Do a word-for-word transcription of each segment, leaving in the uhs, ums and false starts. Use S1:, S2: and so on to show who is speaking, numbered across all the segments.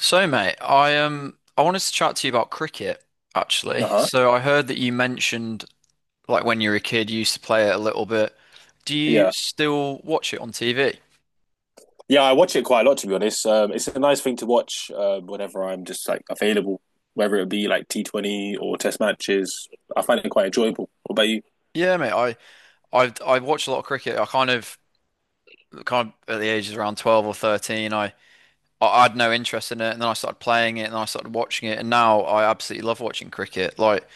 S1: So, mate, I um I wanted to chat to you about cricket, actually.
S2: Uh-huh.
S1: So I heard that you mentioned, like, when you were a kid you used to play it a little bit. Do you
S2: Yeah.
S1: still watch it on T V?
S2: Yeah, I watch it quite a lot to be honest. Um, it's a nice thing to watch um, whenever I'm just like available, whether it be like T twenty or test matches. I find it quite enjoyable. What about you?
S1: Yeah, mate, I I I watch a lot of cricket. I kind of kind of at the ages around twelve or thirteen, I I had no interest in it, and then I started playing it, and then I started watching it, and now I absolutely love watching cricket. Like,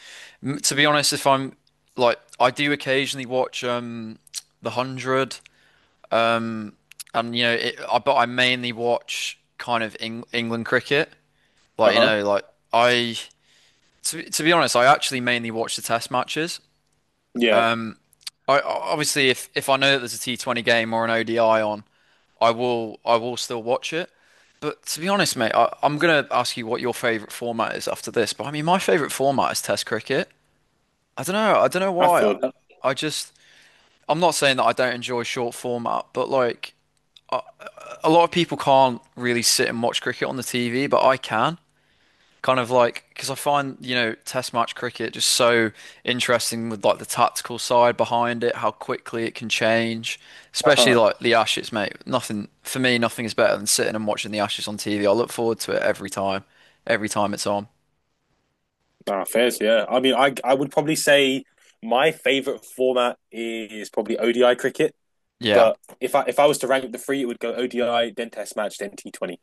S1: m- to be honest, if I'm like I do occasionally watch um the hundred. Um, and you know, it, I, But I mainly watch kind of Eng England cricket. Like you
S2: Uh-huh.
S1: know, like I to, to be honest, I actually mainly watch the test matches.
S2: Yeah,
S1: Um, I Obviously, if if I know that there's a T twenty game or an O D I on, I will I will still watch it. But to be honest, mate, I, I'm gonna ask you what your favorite format is after this. But I mean, my favorite format is Test cricket. I don't know. I don't know
S2: I
S1: why. I,
S2: feel that.
S1: I just I'm not saying that I don't enjoy short format, but, like, a lot of people can't really sit and watch cricket on the T V, but I can. Kind of like because I find, you know, test match cricket just so interesting, with, like, the tactical side behind it, how quickly it can change. Especially,
S2: Uh-huh.
S1: like, the Ashes, mate. Nothing for me, nothing is better than sitting and watching the Ashes on T V. I look forward to it every time, every time it's on.
S2: Nah, fairs, yeah. I mean, I I would probably say my favorite format is probably O D I cricket,
S1: Yeah.
S2: but if I if I was to rank the three, it would go O D I, then test match, then T twenty.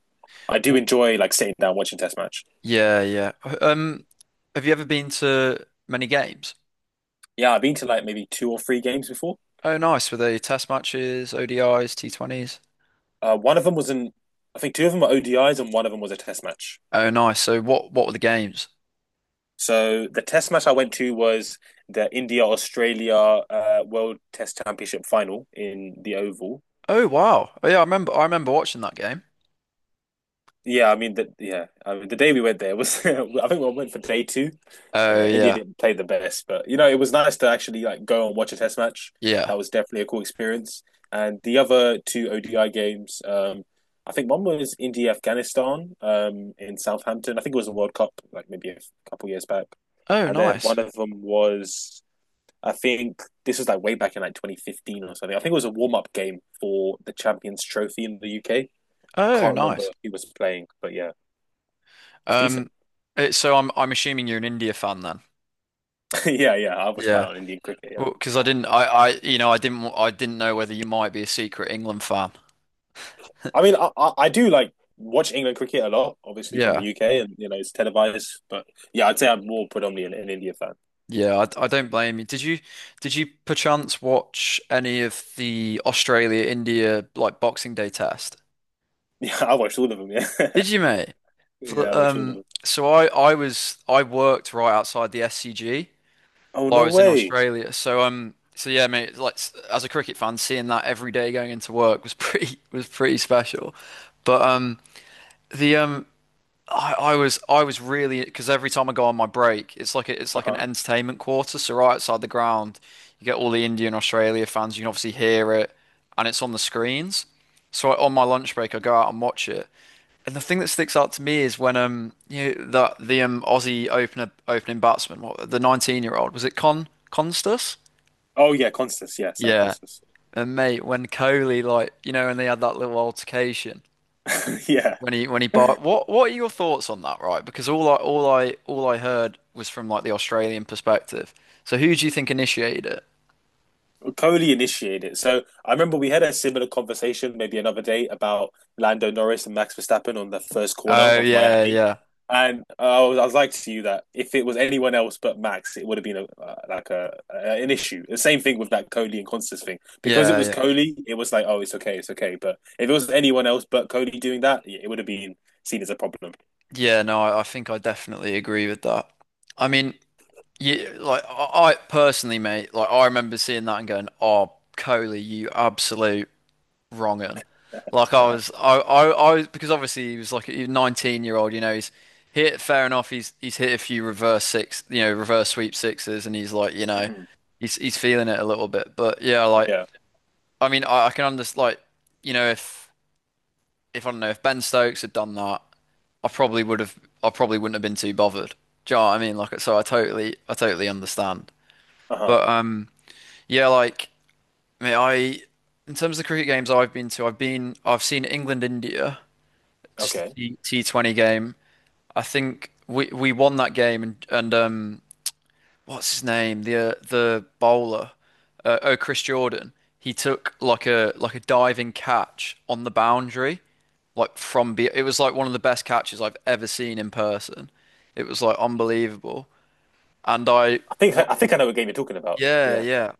S2: I do
S1: W-
S2: enjoy like sitting down watching test match.
S1: Yeah, yeah. Um, have you ever been to many games?
S2: Yeah, I've been to like maybe two or three games before.
S1: Oh, nice. Were they test matches, O D Is, T twenties?
S2: Uh, one of them was in, I think two of them were O D Is and one of them was a test match.
S1: Oh, nice. So, what what were the games?
S2: So the test match I went to was the India Australia uh, World Test Championship final in the Oval.
S1: Oh, wow. Oh, yeah, I remember I remember watching that game.
S2: Yeah, I mean the yeah, I mean the day we went there was I think we went for day two. Uh,
S1: Oh,
S2: India
S1: yeah.
S2: didn't play the best, but you know it was nice to actually like go and watch a test match.
S1: Yeah.
S2: That was definitely a cool experience. And the other two O D I games, um, I think one was India Afghanistan um, in Southampton. I think it was a World Cup, like maybe a couple years back.
S1: Oh,
S2: And then
S1: nice.
S2: one of them was, I think this was like way back in like twenty fifteen or something. I think it was a warm up game for the Champions Trophy in the U K. I
S1: Oh,
S2: can't remember
S1: nice.
S2: who was playing, but yeah. It's decent.
S1: Um it, so, I'm I'm assuming you're an India fan then.
S2: yeah, yeah. I watch quite
S1: Yeah.
S2: a lot of Indian cricket. Yeah,
S1: Well, because I didn't I I you know I didn't w- I didn't know whether you might be a secret England fan.
S2: I mean, I, I, I do like watch England cricket a lot, obviously from the
S1: Yeah.
S2: U K, and you know it's televised. But yeah, I'd say I'm more predominantly an, an India fan.
S1: Yeah, I, I don't blame you. Did you did you perchance watch any of the Australia India, like, Boxing Day test?
S2: Yeah, I watched all of them. Yeah,
S1: Did you, mate? Fl-
S2: yeah, I watched all of
S1: Um
S2: them.
S1: so I I was I worked right outside the S C G
S2: Oh
S1: while I
S2: no
S1: was in
S2: way.
S1: Australia. So um, so yeah, mate. Like, s- as a cricket fan, seeing that every day going into work was pretty was pretty special. But, um, the um, I, I was I was really because every time I go on my break, it's like a, it's
S2: Uh
S1: like an
S2: huh.
S1: entertainment quarter. So right outside the ground, you get all the India and Australia fans. You can obviously hear it, and it's on the screens. So I, on my lunch break, I go out and watch it. And the thing that sticks out to me is when, um you know, that the um Aussie opener opening batsman, what, the nineteen year old, was it, Con Constas?
S2: Oh yeah, Constance. Yeah, Sam
S1: Yeah.
S2: Constance.
S1: And, mate, when Kohli, like, you know when they had that little altercation.
S2: yeah,
S1: When he when he bought what what are your thoughts on that, right? Because all I all I all I heard was from, like, the Australian perspective. So, who do you think initiated it?
S2: Coley initiated it. So I remember we had a similar conversation maybe another day about Lando Norris and Max Verstappen on the first corner
S1: Oh,
S2: of
S1: yeah,
S2: Miami.
S1: yeah.
S2: And I was, I was like to you that if it was anyone else but Max, it would have been a, uh, like a, a an issue. The same thing with that Coley and Constance thing. Because it
S1: Yeah,
S2: was
S1: yeah.
S2: Coley, it was like, oh, it's okay, it's okay. But if it was anyone else but Coley doing that, yeah, it would have been seen as a problem.
S1: Yeah. No, I, I think I definitely agree with that. I mean, you like I, I personally, mate, like, I remember seeing that and going, "Oh, Coley, you absolute." Wronging. Like, I was, I, I, I was, because obviously he was like a nineteen year old, you know, he's hit, fair enough, he's he's hit a few reverse six, you know, reverse sweep sixes, and he's like, you know,
S2: Mm-hmm.
S1: he's he's feeling it a little bit. But, yeah, like,
S2: Yeah.
S1: I mean, I, I can understand, like, you know, if, if, I don't know, if Ben Stokes had done that, I probably would have, I probably wouldn't have been too bothered. Do you know what I mean? Like, so, I totally, I totally understand.
S2: Uh huh.
S1: But, um, yeah, like, I mean, I, in terms of the cricket games I've been to, I've been, I've seen England, India. Just
S2: Okay.
S1: the T T20 game. I think we we won that game, and and um what's his name? The uh, the bowler, uh, oh, Chris Jordan. He took, like, a like a diving catch on the boundary, like from be it was like one of the best catches I've ever seen in person. It was, like, unbelievable. And, I
S2: I think
S1: what
S2: I think I know what game you're talking about.
S1: yeah,
S2: Yeah.
S1: yeah.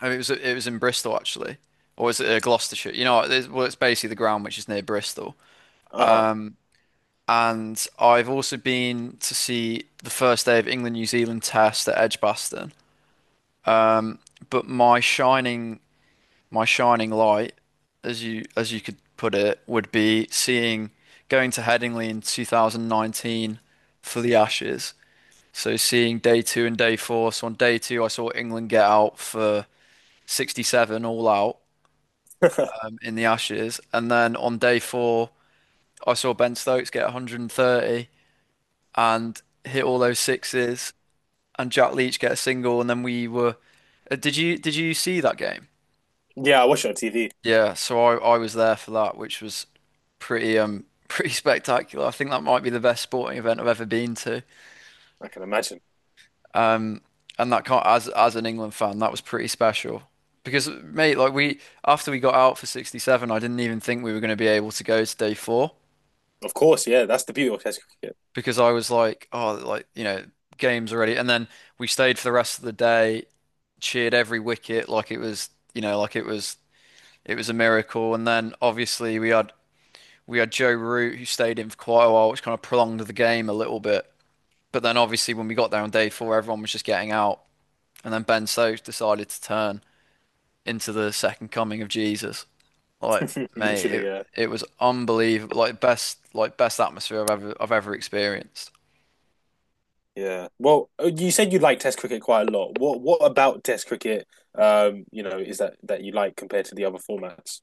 S1: I mean, it was it was in Bristol, actually. Or was it, uh, Gloucestershire? You know, it's, well, it's basically the ground which is near Bristol.
S2: Uh
S1: And I've also been to see the first day of England New Zealand Test at Edgbaston. But my shining my shining light, as you as you could put it, would be seeing going to Headingley in twenty nineteen for the Ashes. So, seeing day two and day four. So on day two, I saw England get out for sixty-seven all out,
S2: huh.
S1: um, in the Ashes, and then on day four, I saw Ben Stokes get a hundred and thirty and hit all those sixes and Jack Leach get a single, and then we were. Uh, did you did you see that game?
S2: yeah. I watch it on T V.
S1: Yeah, so I I was there for that, which was pretty um pretty spectacular. I think that might be the best sporting event I've ever been to.
S2: I can imagine.
S1: Um, and that can't, as as an England fan, that was pretty special. Because, mate, like, we after we got out for sixty-seven, I didn't even think we were going to be able to go to day four,
S2: Of course, yeah, that's the beauty of Test cricket.
S1: because I was like, oh, like, you know, games already. And then we stayed for the rest of the day, cheered every wicket. Like it was, you know, like it was It was a miracle. And then, obviously, we had we had Joe Root who stayed in for quite a while, which kind of prolonged the game a little bit. But then, obviously, when we got there on day four, everyone was just getting out. And then Ben Stokes decided to turn into the second coming of Jesus. Like, mate,
S2: Literally,
S1: it
S2: yeah,
S1: it was unbelievable. Like, best like best atmosphere I've ever I've ever experienced.
S2: yeah. Well, uh, you said you like Test cricket quite a lot. What what about Test cricket? Um, you know, is that that you like compared to the other formats?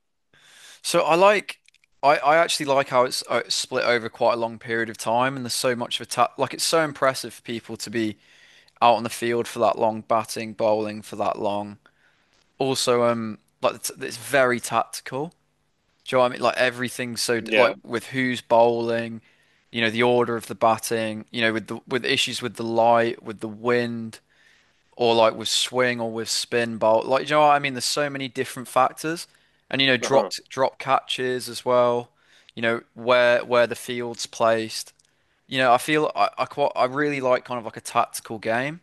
S1: So I like I, I actually like how it's, uh, it's split over quite a long period of time, and there's so much of a, ta like, it's so impressive for people to be out on the field for that long, batting, bowling for that long. Also, um, like, it's, it's very tactical. Do you know what I mean? Like, everything's so, like,
S2: Yeah.
S1: with who's bowling, you know, the order of the batting, you know, with the with issues with the light, with the wind, or, like, with swing or with spin bowl. Like, do you know what I mean? There's so many different factors, and, you know,
S2: Uh-huh.
S1: dropped drop catches as well. You know, where where the field's placed. You know, I feel I, I quite I really like, kind of, like, a tactical game,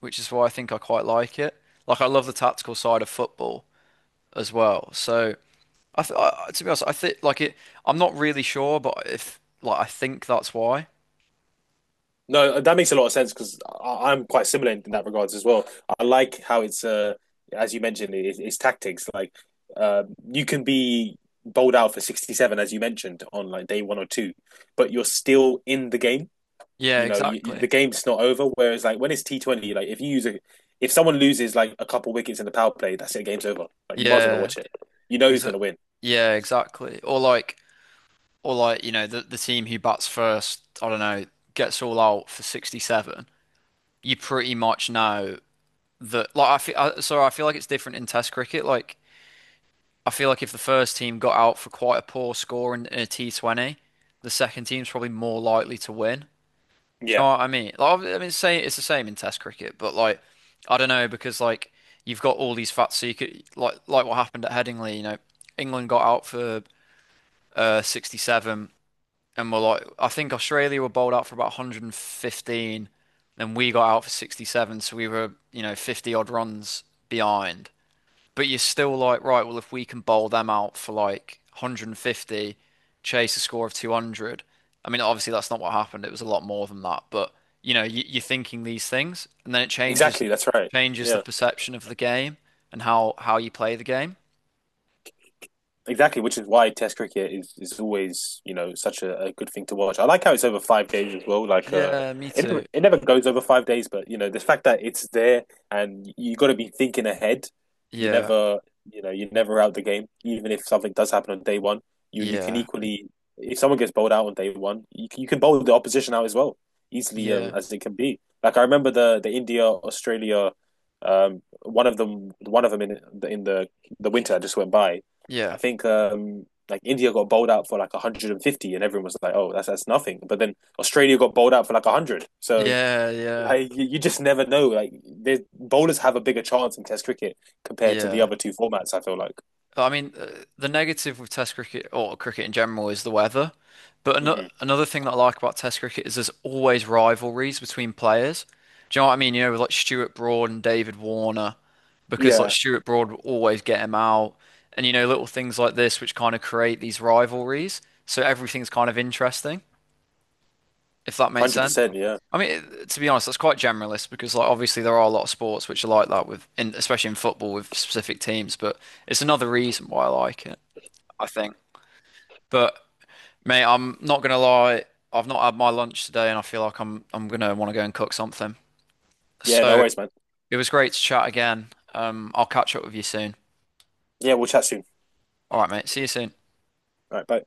S1: which is why I think I quite like it. Like, I love the tactical side of football as well. So, I, th I to be honest, I think, like, it. I'm not really sure, but, if, like, I think that's why.
S2: No, uh, that makes a lot of sense because I'm quite similar in that regards as well. I like how it's uh, as you mentioned, it, it's tactics. Like, uh, you can be bowled out for sixty-seven as you mentioned on like day one or two, but you're still in the game.
S1: Yeah,
S2: You know, you,
S1: exactly.
S2: the game's not over. Whereas, like when it's T Twenty, like if you use a, if someone loses like a couple wickets in the power play, that's it. The game's over. Like you might as well not
S1: Yeah,
S2: watch it. You know who's going
S1: exa
S2: to win.
S1: yeah, exactly. Or like, or like you know, the the team who bats first, I don't know, gets all out for sixty-seven. You pretty much know that. Like, I feel, I, so I feel like it's different in Test cricket. Like, I feel like if the first team got out for quite a poor score in, in a T twenty, the second team's probably more likely to win. Do you
S2: Yeah.
S1: know what I mean? Like, I mean, say it's the same in Test cricket, but, like, I don't know, because, like, you've got all these facts. So you could, like like what happened at Headingley. You know, England got out for uh sixty-seven, and were, like, I think Australia were bowled out for about a hundred and fifteen, and we got out for sixty-seven, so we were, you know fifty odd runs behind. But you're still like, right, well, if we can bowl them out for, like, a hundred and fifty, chase a score of two hundred. I mean, obviously, that's not what happened. It was a lot more than that. But, you know, you, you're thinking these things, and then it changes
S2: Exactly. That's right.
S1: changes the
S2: Yeah.
S1: perception of the game and how how you play the game.
S2: Exactly, which is why Test cricket is, is always, you know, such a, a good thing to watch. I like how it's over five days as well. Like, uh,
S1: Yeah, me
S2: it never,
S1: too.
S2: it never goes over five days, but you know, the fact that it's there and you got to be thinking ahead. You
S1: Yeah,
S2: never, you know, you're never out the game. Even if something does happen on day one, you you can
S1: yeah,
S2: equally, if someone gets bowled out on day one, you can, you can bowl the opposition out as well easily um,
S1: yeah,
S2: as it can be. Like I remember the the India Australia, um, one of them, one of them in the in the the winter that just went by.
S1: yeah,
S2: I think um, like India got bowled out for like one hundred fifty, and everyone was like, "Oh, that's that's nothing." But then Australia got bowled out for like one hundred. So
S1: yeah, yeah,
S2: like, you, you just never know. Like bowlers have a bigger chance in Test cricket compared to the
S1: yeah.
S2: other two formats. I feel like.
S1: I mean, uh, the negative with Test cricket, or cricket in general, is the weather. But ano
S2: Hmm.
S1: another thing that I like about Test cricket is there's always rivalries between players. Do you know what I mean? You know, with, like, Stuart Broad and David Warner,
S2: Yeah,
S1: because, like,
S2: one
S1: Stuart Broad would always get him out, and, you know, little things like this which kind of create these rivalries. So everything's kind of interesting, if that makes
S2: hundred
S1: sense.
S2: percent. Yeah,
S1: I mean, it- to be honest, that's quite generalist because, like, obviously there are a lot of sports which are like that, with, in, especially in football with specific teams. But it's another reason why I like it. I think. But, mate, I'm not gonna lie, I've not had my lunch today, and I feel like I'm I'm gonna want to go and cook something.
S2: yeah. No
S1: So
S2: worries, man.
S1: it was great to chat again. Um, I'll catch up with you soon.
S2: Yeah, we'll chat soon.
S1: All right, mate. See you soon.
S2: All right, bye.